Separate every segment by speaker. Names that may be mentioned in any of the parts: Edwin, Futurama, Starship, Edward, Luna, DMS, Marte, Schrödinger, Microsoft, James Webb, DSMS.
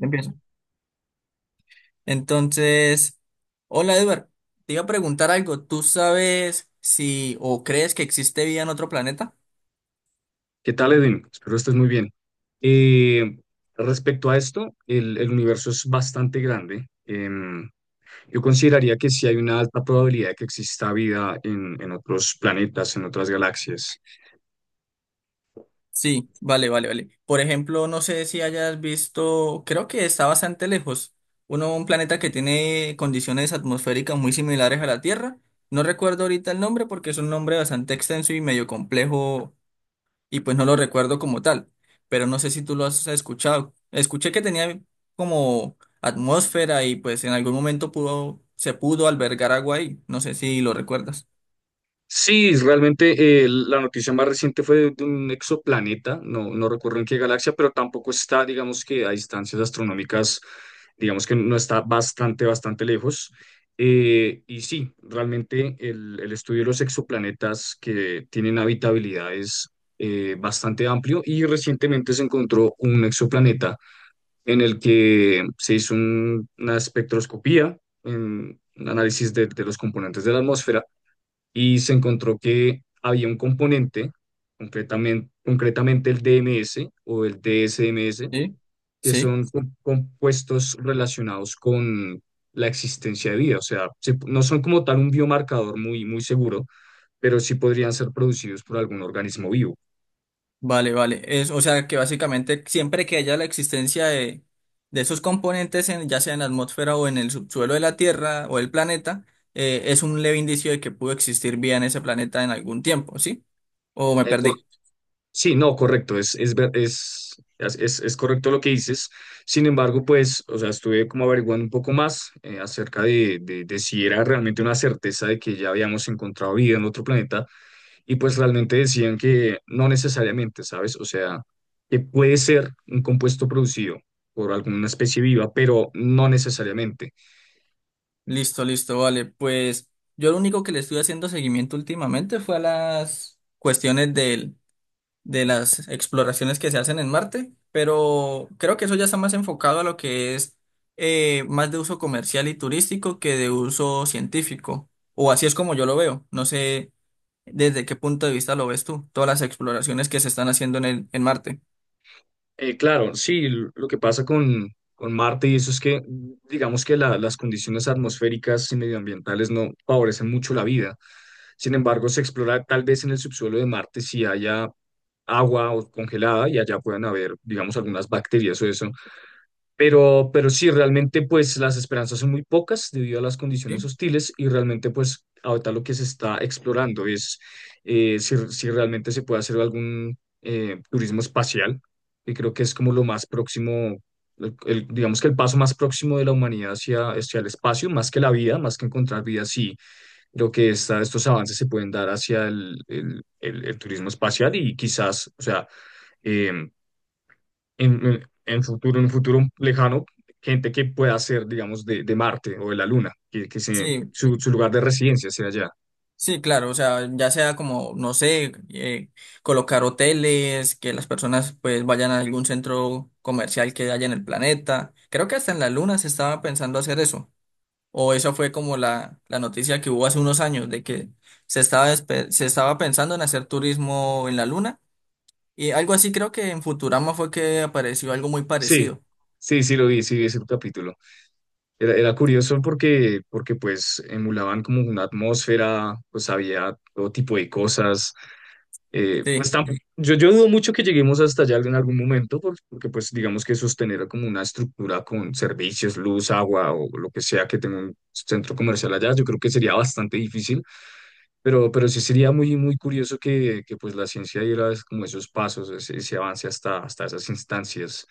Speaker 1: Empiezo. Entonces, hola Edward, te iba a preguntar algo. ¿Tú sabes si o crees que existe vida en otro planeta?
Speaker 2: ¿Qué tal, Edwin? Espero estés muy bien. Eh, Respecto a esto, el universo es bastante grande. Yo consideraría que sí hay una alta probabilidad de que exista vida en otros planetas, en otras galaxias.
Speaker 1: Sí, vale, vale, vale. Por ejemplo, no sé si hayas visto, creo que está bastante lejos, un planeta que tiene condiciones atmosféricas muy similares a la Tierra. No recuerdo ahorita el nombre porque es un nombre bastante extenso y medio complejo y pues no lo recuerdo como tal, pero no sé si tú lo has escuchado. Escuché que tenía como atmósfera y pues en algún momento se pudo albergar agua ahí. No sé si lo recuerdas.
Speaker 2: Sí, realmente la noticia más reciente fue de un exoplaneta, no recuerdo en qué galaxia, pero tampoco está, digamos que a distancias astronómicas, digamos que no está bastante lejos. Y sí, realmente el estudio de los exoplanetas que tienen habitabilidad es bastante amplio y recientemente se encontró un exoplaneta en el que se hizo una espectroscopía, en un análisis de los componentes de la atmósfera y se encontró que había un componente, concretamente el DMS o el DSMS,
Speaker 1: Sí.
Speaker 2: que
Speaker 1: Sí.
Speaker 2: son compuestos relacionados con la existencia de vida. O sea, se- no son como tal un biomarcador muy seguro, pero sí podrían ser producidos por algún organismo vivo.
Speaker 1: Vale, vale. Es, o sea que básicamente siempre que haya la existencia de esos componentes, en, ya sea en la atmósfera o en el subsuelo de la Tierra o el planeta, es un leve indicio de que pudo existir vida en ese planeta en algún tiempo, ¿sí? O me perdí.
Speaker 2: Sí, no, correcto, ver- es correcto lo que dices. Sin embargo, pues, o sea, estuve como averiguando un poco más acerca de si era realmente una certeza de que ya habíamos encontrado vida en otro planeta y pues realmente decían que no necesariamente, ¿sabes? O sea, que puede ser un compuesto producido por alguna especie viva, pero no necesariamente.
Speaker 1: Listo, listo, vale. Pues yo lo único que le estuve haciendo seguimiento últimamente fue a las cuestiones del de las exploraciones que se hacen en Marte, pero creo que eso ya está más enfocado a lo que es más de uso comercial y turístico que de uso científico, o así es como yo lo veo. No sé desde qué punto de vista lo ves tú, todas las exploraciones que se están haciendo en en Marte.
Speaker 2: Claro, sí, l- lo que pasa con Marte y eso es que, digamos que la- las condiciones atmosféricas y medioambientales no favorecen mucho la vida. Sin embargo, se explora tal vez en el subsuelo de Marte si haya agua o congelada y allá puedan haber, digamos, algunas bacterias o eso. Pero sí, realmente pues las esperanzas son muy pocas debido a las
Speaker 1: ¿Sí?
Speaker 2: condiciones hostiles y realmente pues ahorita lo que se está explorando es si realmente se puede hacer algún turismo espacial, y creo que es como lo más próximo, digamos que el paso más próximo de la humanidad hacia el espacio, más que la vida, más que encontrar vida, sí, creo que esta- estos avances se pueden dar hacia el turismo espacial y quizás, o sea... em, en, en futuro, en un futuro lejano, gente que pueda ser, digamos, de Marte o de la Luna, que se-
Speaker 1: Sí,
Speaker 2: su lugar de residencia sea allá.
Speaker 1: sí, claro, o sea, ya sea como, no sé, colocar hoteles, que las personas pues vayan a algún centro comercial que haya en el planeta. Creo que hasta en la Luna se estaba pensando hacer eso. O esa fue como la noticia que hubo hace unos años de que se estaba, se estaba pensando en hacer turismo en la luna. Y algo así creo que en Futurama fue que apareció algo muy
Speaker 2: Sí,
Speaker 1: parecido.
Speaker 2: sí, sí lo vi, sí vi ese capítulo. Era curioso porque, porque pues emulaban como una atmósfera, pues había todo tipo de cosas.
Speaker 1: Sí,
Speaker 2: Pues, tamp- yo dudo mucho que lleguemos hasta allá en algún momento, por- porque, pues digamos que sostener como una estructura con servicios, luz, agua o lo que sea que tenga un centro comercial allá, yo creo que sería bastante difícil. Pero sí sería muy curioso que pues la ciencia diera es- como esos pasos, ese avance hasta esas instancias.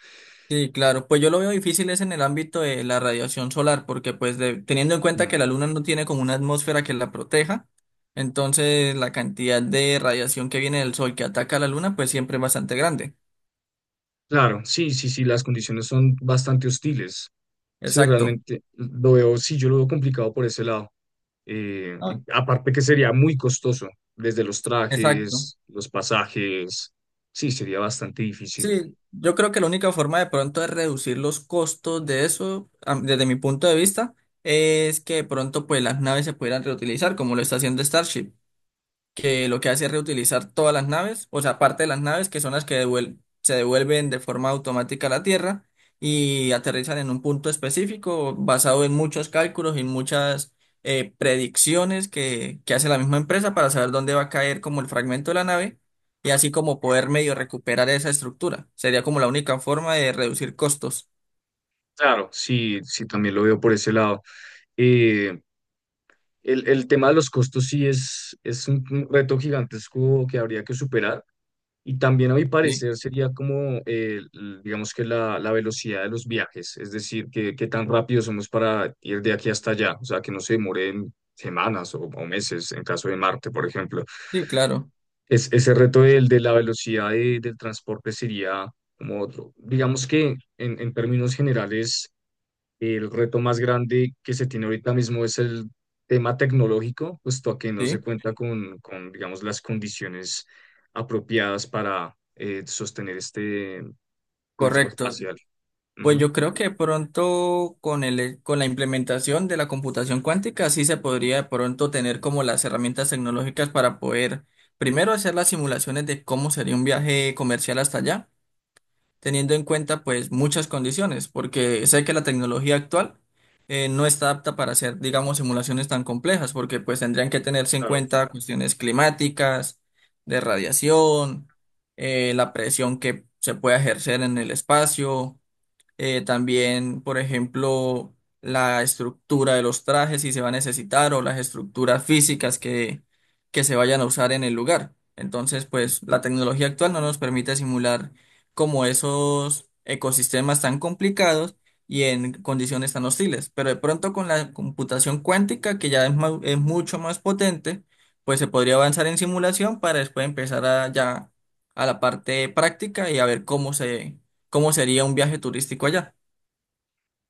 Speaker 1: sí, claro. Pues yo lo veo difícil es en el ámbito de la radiación solar, porque pues teniendo en cuenta que
Speaker 2: Mm.
Speaker 1: la luna no tiene como una atmósfera que la proteja, entonces la cantidad de radiación que viene del sol que ataca a la luna pues siempre es bastante grande.
Speaker 2: Claro, sí, sí, sí, las condiciones son bastante hostiles. Sí,
Speaker 1: Exacto.
Speaker 2: realmente lo veo, sí, yo lo veo complicado por ese lado. Y
Speaker 1: No.
Speaker 2: aparte que sería muy costoso, desde los
Speaker 1: Exacto.
Speaker 2: trajes, los pasajes, sí, sería bastante difícil.
Speaker 1: Sí, yo creo que la única forma de pronto de reducir los costos de eso, desde mi punto de vista, es que de pronto pues las naves se pudieran reutilizar como lo está haciendo Starship, que lo que hace es reutilizar todas las naves, o sea, parte de las naves, que son las que se devuelven de forma automática a la Tierra y aterrizan en un punto específico basado en muchos cálculos y muchas predicciones que, hace la misma empresa para saber dónde va a caer como el fragmento de la nave y así como poder medio recuperar esa estructura. Sería como la única forma de reducir costos.
Speaker 2: Claro, sí, sí, también lo veo por ese lado. Eh, el tema de los costos sí es un reto gigantesco que habría que superar. Y también a mi
Speaker 1: Sí,
Speaker 2: parecer sería como, l- digamos que la velocidad de los viajes, es decir, que, qué tan rápido somos para ir de aquí hasta allá, o sea, que no se demoren semanas o meses en caso de Marte, por ejemplo.
Speaker 1: sí, claro,
Speaker 2: Es, ese reto del, de la velocidad de- del transporte sería como otro. Digamos que en términos generales el reto más grande que se tiene ahorita mismo es el tema tecnológico, puesto a que no se
Speaker 1: sí,
Speaker 2: cuenta digamos, las condiciones apropiadas para sostener este turismo
Speaker 1: correcto.
Speaker 2: espacial.
Speaker 1: Pues
Speaker 2: Ujú.
Speaker 1: yo creo que pronto con con la implementación de la computación cuántica sí se podría de pronto tener como las herramientas tecnológicas para poder primero hacer las simulaciones de cómo sería un viaje comercial hasta allá, teniendo en cuenta pues muchas condiciones, porque sé que la tecnología actual no está apta para hacer digamos simulaciones tan complejas, porque pues tendrían que tenerse en
Speaker 2: Claro,
Speaker 1: cuenta cuestiones climáticas, de radiación, la presión que se puede ejercer en el espacio también, por ejemplo, la estructura de los trajes si se va a necesitar, o las estructuras físicas que se vayan a usar en el lugar. Entonces, pues la tecnología actual no nos permite simular como esos ecosistemas tan complicados y en condiciones tan hostiles. Pero de pronto con la computación cuántica, que ya es, es mucho más potente, pues se podría avanzar en simulación para después empezar a, ya a la parte práctica y a ver cómo se cómo sería un viaje turístico allá.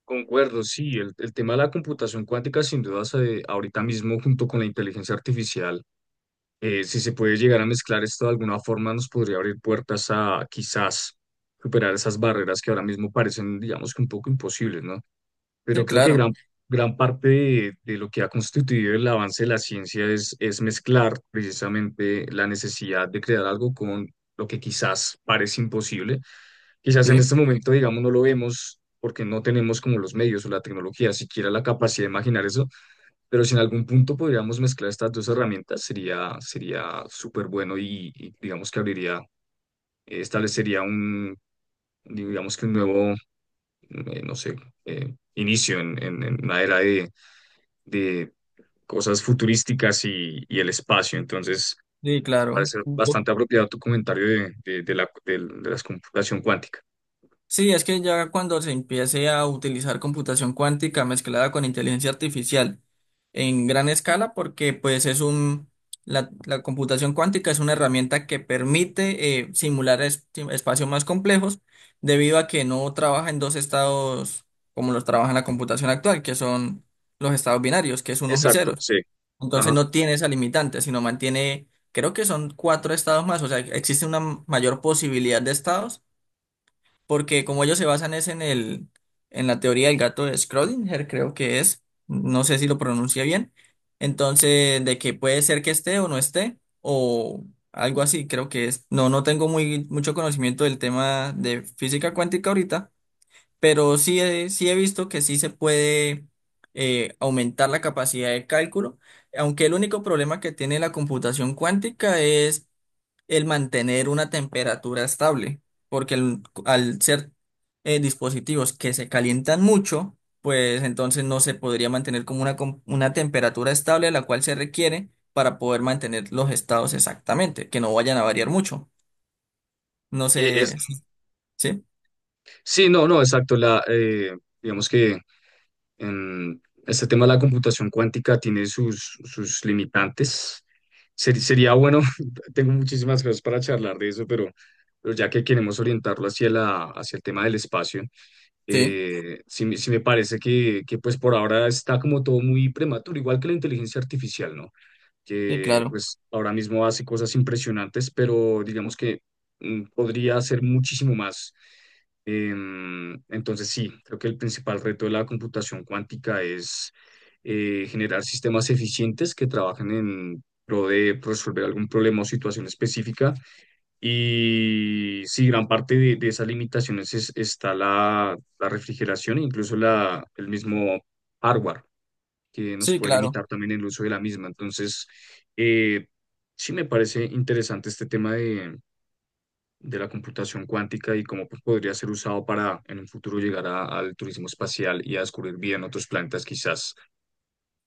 Speaker 2: concuerdo, sí, el tema de la computación cuántica, sin duda, se- ahorita mismo, junto con la inteligencia artificial, si se puede llegar a mezclar esto de alguna forma, nos podría abrir puertas a quizás superar esas barreras que ahora mismo parecen, digamos, que un poco imposibles, ¿no? Pero
Speaker 1: Sí,
Speaker 2: creo que
Speaker 1: claro,
Speaker 2: gran parte de lo que ha constituido el avance de la ciencia es mezclar precisamente la necesidad de crear algo con lo que quizás parece imposible. Quizás en
Speaker 1: sí,
Speaker 2: este momento, digamos, no lo vemos porque no tenemos como los medios o la tecnología, siquiera la capacidad de imaginar eso, pero si en algún punto podríamos mezclar estas dos herramientas, sería súper bueno y digamos que abriría, establecería un, digamos que un nuevo, no sé, inicio en una era de cosas futurísticas y el espacio. Entonces,
Speaker 1: sí,
Speaker 2: me
Speaker 1: claro.
Speaker 2: parece
Speaker 1: Ujú.
Speaker 2: bastante apropiado tu comentario de la, del- de la computación cuántica.
Speaker 1: Sí, es que ya cuando se empiece a utilizar computación cuántica mezclada con inteligencia artificial en gran escala, porque pues es un, la computación cuántica es una herramienta que permite simular sí, espacios más complejos debido a que no trabaja en dos estados como los trabaja en la computación actual, que son los estados binarios, que es unos y
Speaker 2: Exacto,
Speaker 1: ceros.
Speaker 2: sí.
Speaker 1: Entonces
Speaker 2: Ajá.
Speaker 1: no tiene esa limitante, sino mantiene, creo que son cuatro estados más, o sea, existe una mayor posibilidad de estados, porque como ellos se basan es en el, en la teoría del gato de Schrödinger, creo que es, no sé si lo pronuncia bien, entonces de que puede ser que esté o no esté, o algo así, creo que es. No, no tengo muy, mucho conocimiento del tema de física cuántica ahorita, pero sí he visto que sí se puede aumentar la capacidad de cálculo, aunque el único problema que tiene la computación cuántica es el mantener una temperatura estable, porque al ser dispositivos que se calientan mucho, pues entonces no se podría mantener como una, una temperatura estable, la cual se requiere para poder mantener los estados exactamente, que no vayan a variar mucho. No
Speaker 2: Eh, es-
Speaker 1: sé, ¿sí?
Speaker 2: sí, no, no, exacto. La, digamos que en este tema de la computación cuántica tiene sus, sus limitantes. Ser- sería bueno, tengo muchísimas cosas para charlar de eso, pero ya que queremos orientarlo hacia hacia el tema del espacio,
Speaker 1: Sí,
Speaker 2: sí me parece que pues por ahora está como todo muy prematuro, igual que la inteligencia artificial, ¿no?
Speaker 1: sí,
Speaker 2: Que
Speaker 1: claro.
Speaker 2: pues ahora mismo hace cosas impresionantes, pero digamos que podría hacer muchísimo más. Entonces sí, creo que el principal reto de la computación cuántica es generar sistemas eficientes que trabajen en pro de resolver algún problema o situación específica y sí, gran parte de esas limitaciones es- está la refrigeración e incluso la, el mismo hardware que nos
Speaker 1: Sí,
Speaker 2: puede
Speaker 1: claro.
Speaker 2: limitar también el uso de la misma. Entonces, eh, sí me parece interesante este tema de la computación cuántica y cómo pues, podría ser usado para en un futuro llegar a- al turismo espacial y a descubrir vida en otros planetas quizás.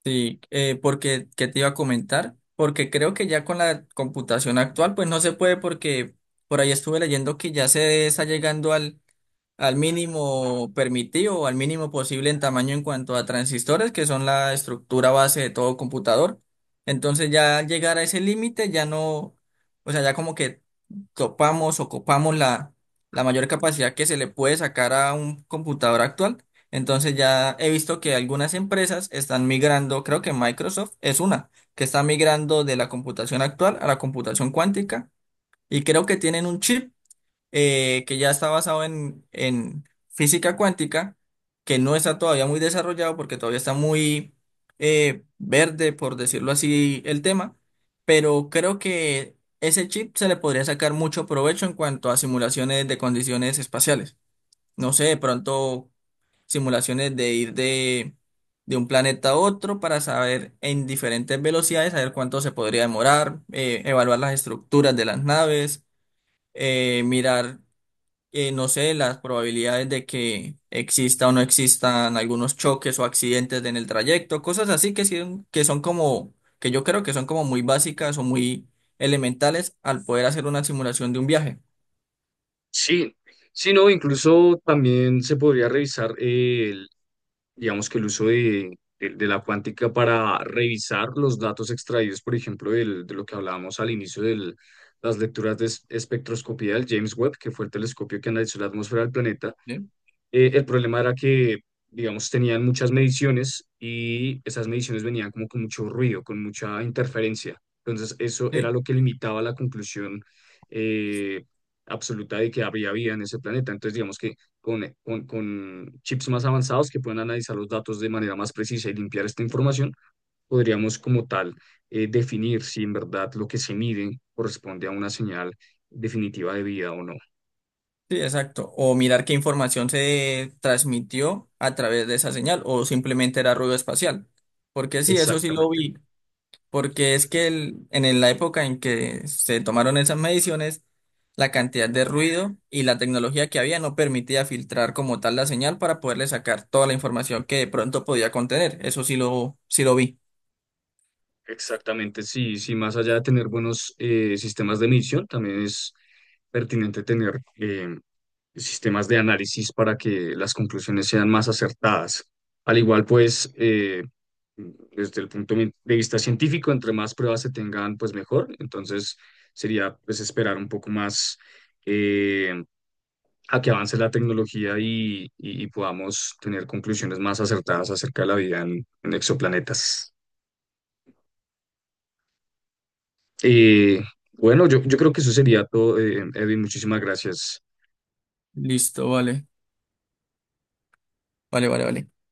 Speaker 1: Sí, porque, ¿qué te iba a comentar? Porque creo que ya con la computación actual, pues no se puede porque por ahí estuve leyendo que ya se está llegando al mínimo permitido o al mínimo posible en tamaño en cuanto a transistores, que son la estructura base de todo computador. Entonces ya llegar a ese límite ya no, o sea, ya como que topamos o copamos la mayor capacidad que se le puede sacar a un computador actual. Entonces ya he visto que algunas empresas están migrando, creo que Microsoft es una, que está migrando de la computación actual a la computación cuántica, y creo que tienen un chip que ya está basado en física cuántica, que no está todavía muy desarrollado porque todavía está muy verde, por decirlo así, el tema, pero creo que ese chip se le podría sacar mucho provecho en cuanto a simulaciones de condiciones espaciales. No sé, de pronto simulaciones de ir de un planeta a otro para saber en diferentes velocidades, saber cuánto se podría demorar, evaluar las estructuras de las naves mirar no sé, las probabilidades de que exista o no existan algunos choques o accidentes en el trayecto, cosas así que, que son como, que yo creo que son como muy básicas o muy elementales al poder hacer una simulación de un viaje.
Speaker 2: Sí, sí, no, incluso también se podría revisar digamos que el uso de la cuántica para revisar los datos extraídos, por ejemplo, del- de lo que hablábamos al inicio de las lecturas de es- espectroscopía del James Webb, que fue el telescopio que analizó la atmósfera del planeta.
Speaker 1: ¿Sí?
Speaker 2: El problema era que, digamos, tenían muchas mediciones y esas mediciones venían como con mucho ruido, con mucha interferencia. Entonces, eso era
Speaker 1: Sí,
Speaker 2: lo que limitaba la conclusión eh, absoluta de que había vida en ese planeta. Entonces, digamos que con chips más avanzados que puedan analizar los datos de manera más precisa y limpiar esta información, podríamos como tal definir si en verdad lo que se mide corresponde a una señal definitiva de vida o no.
Speaker 1: sí, exacto. O mirar qué información se transmitió a través de esa señal o simplemente era ruido espacial. Porque sí, eso sí lo
Speaker 2: Exactamente.
Speaker 1: vi. Porque es que la época en que se tomaron esas mediciones, la cantidad de ruido y la tecnología que había no permitía filtrar como tal la señal para poderle sacar toda la información que de pronto podía contener. Eso sí lo vi.
Speaker 2: Exactamente, sí, sí, más allá de tener buenos sistemas de medición, también es pertinente tener sistemas de análisis para que las conclusiones sean más acertadas. Al igual, pues, desde el punto de vista científico, entre más pruebas se tengan, pues mejor. Entonces, sería, pues, esperar un poco más eh, a que avance la tecnología y, y podamos tener conclusiones más acertadas acerca de la vida en exoplanetas. Eh, bueno, yo creo que eso sería todo, Edwin. Muchísimas gracias.
Speaker 1: Listo, vale. Vale, vale, vale.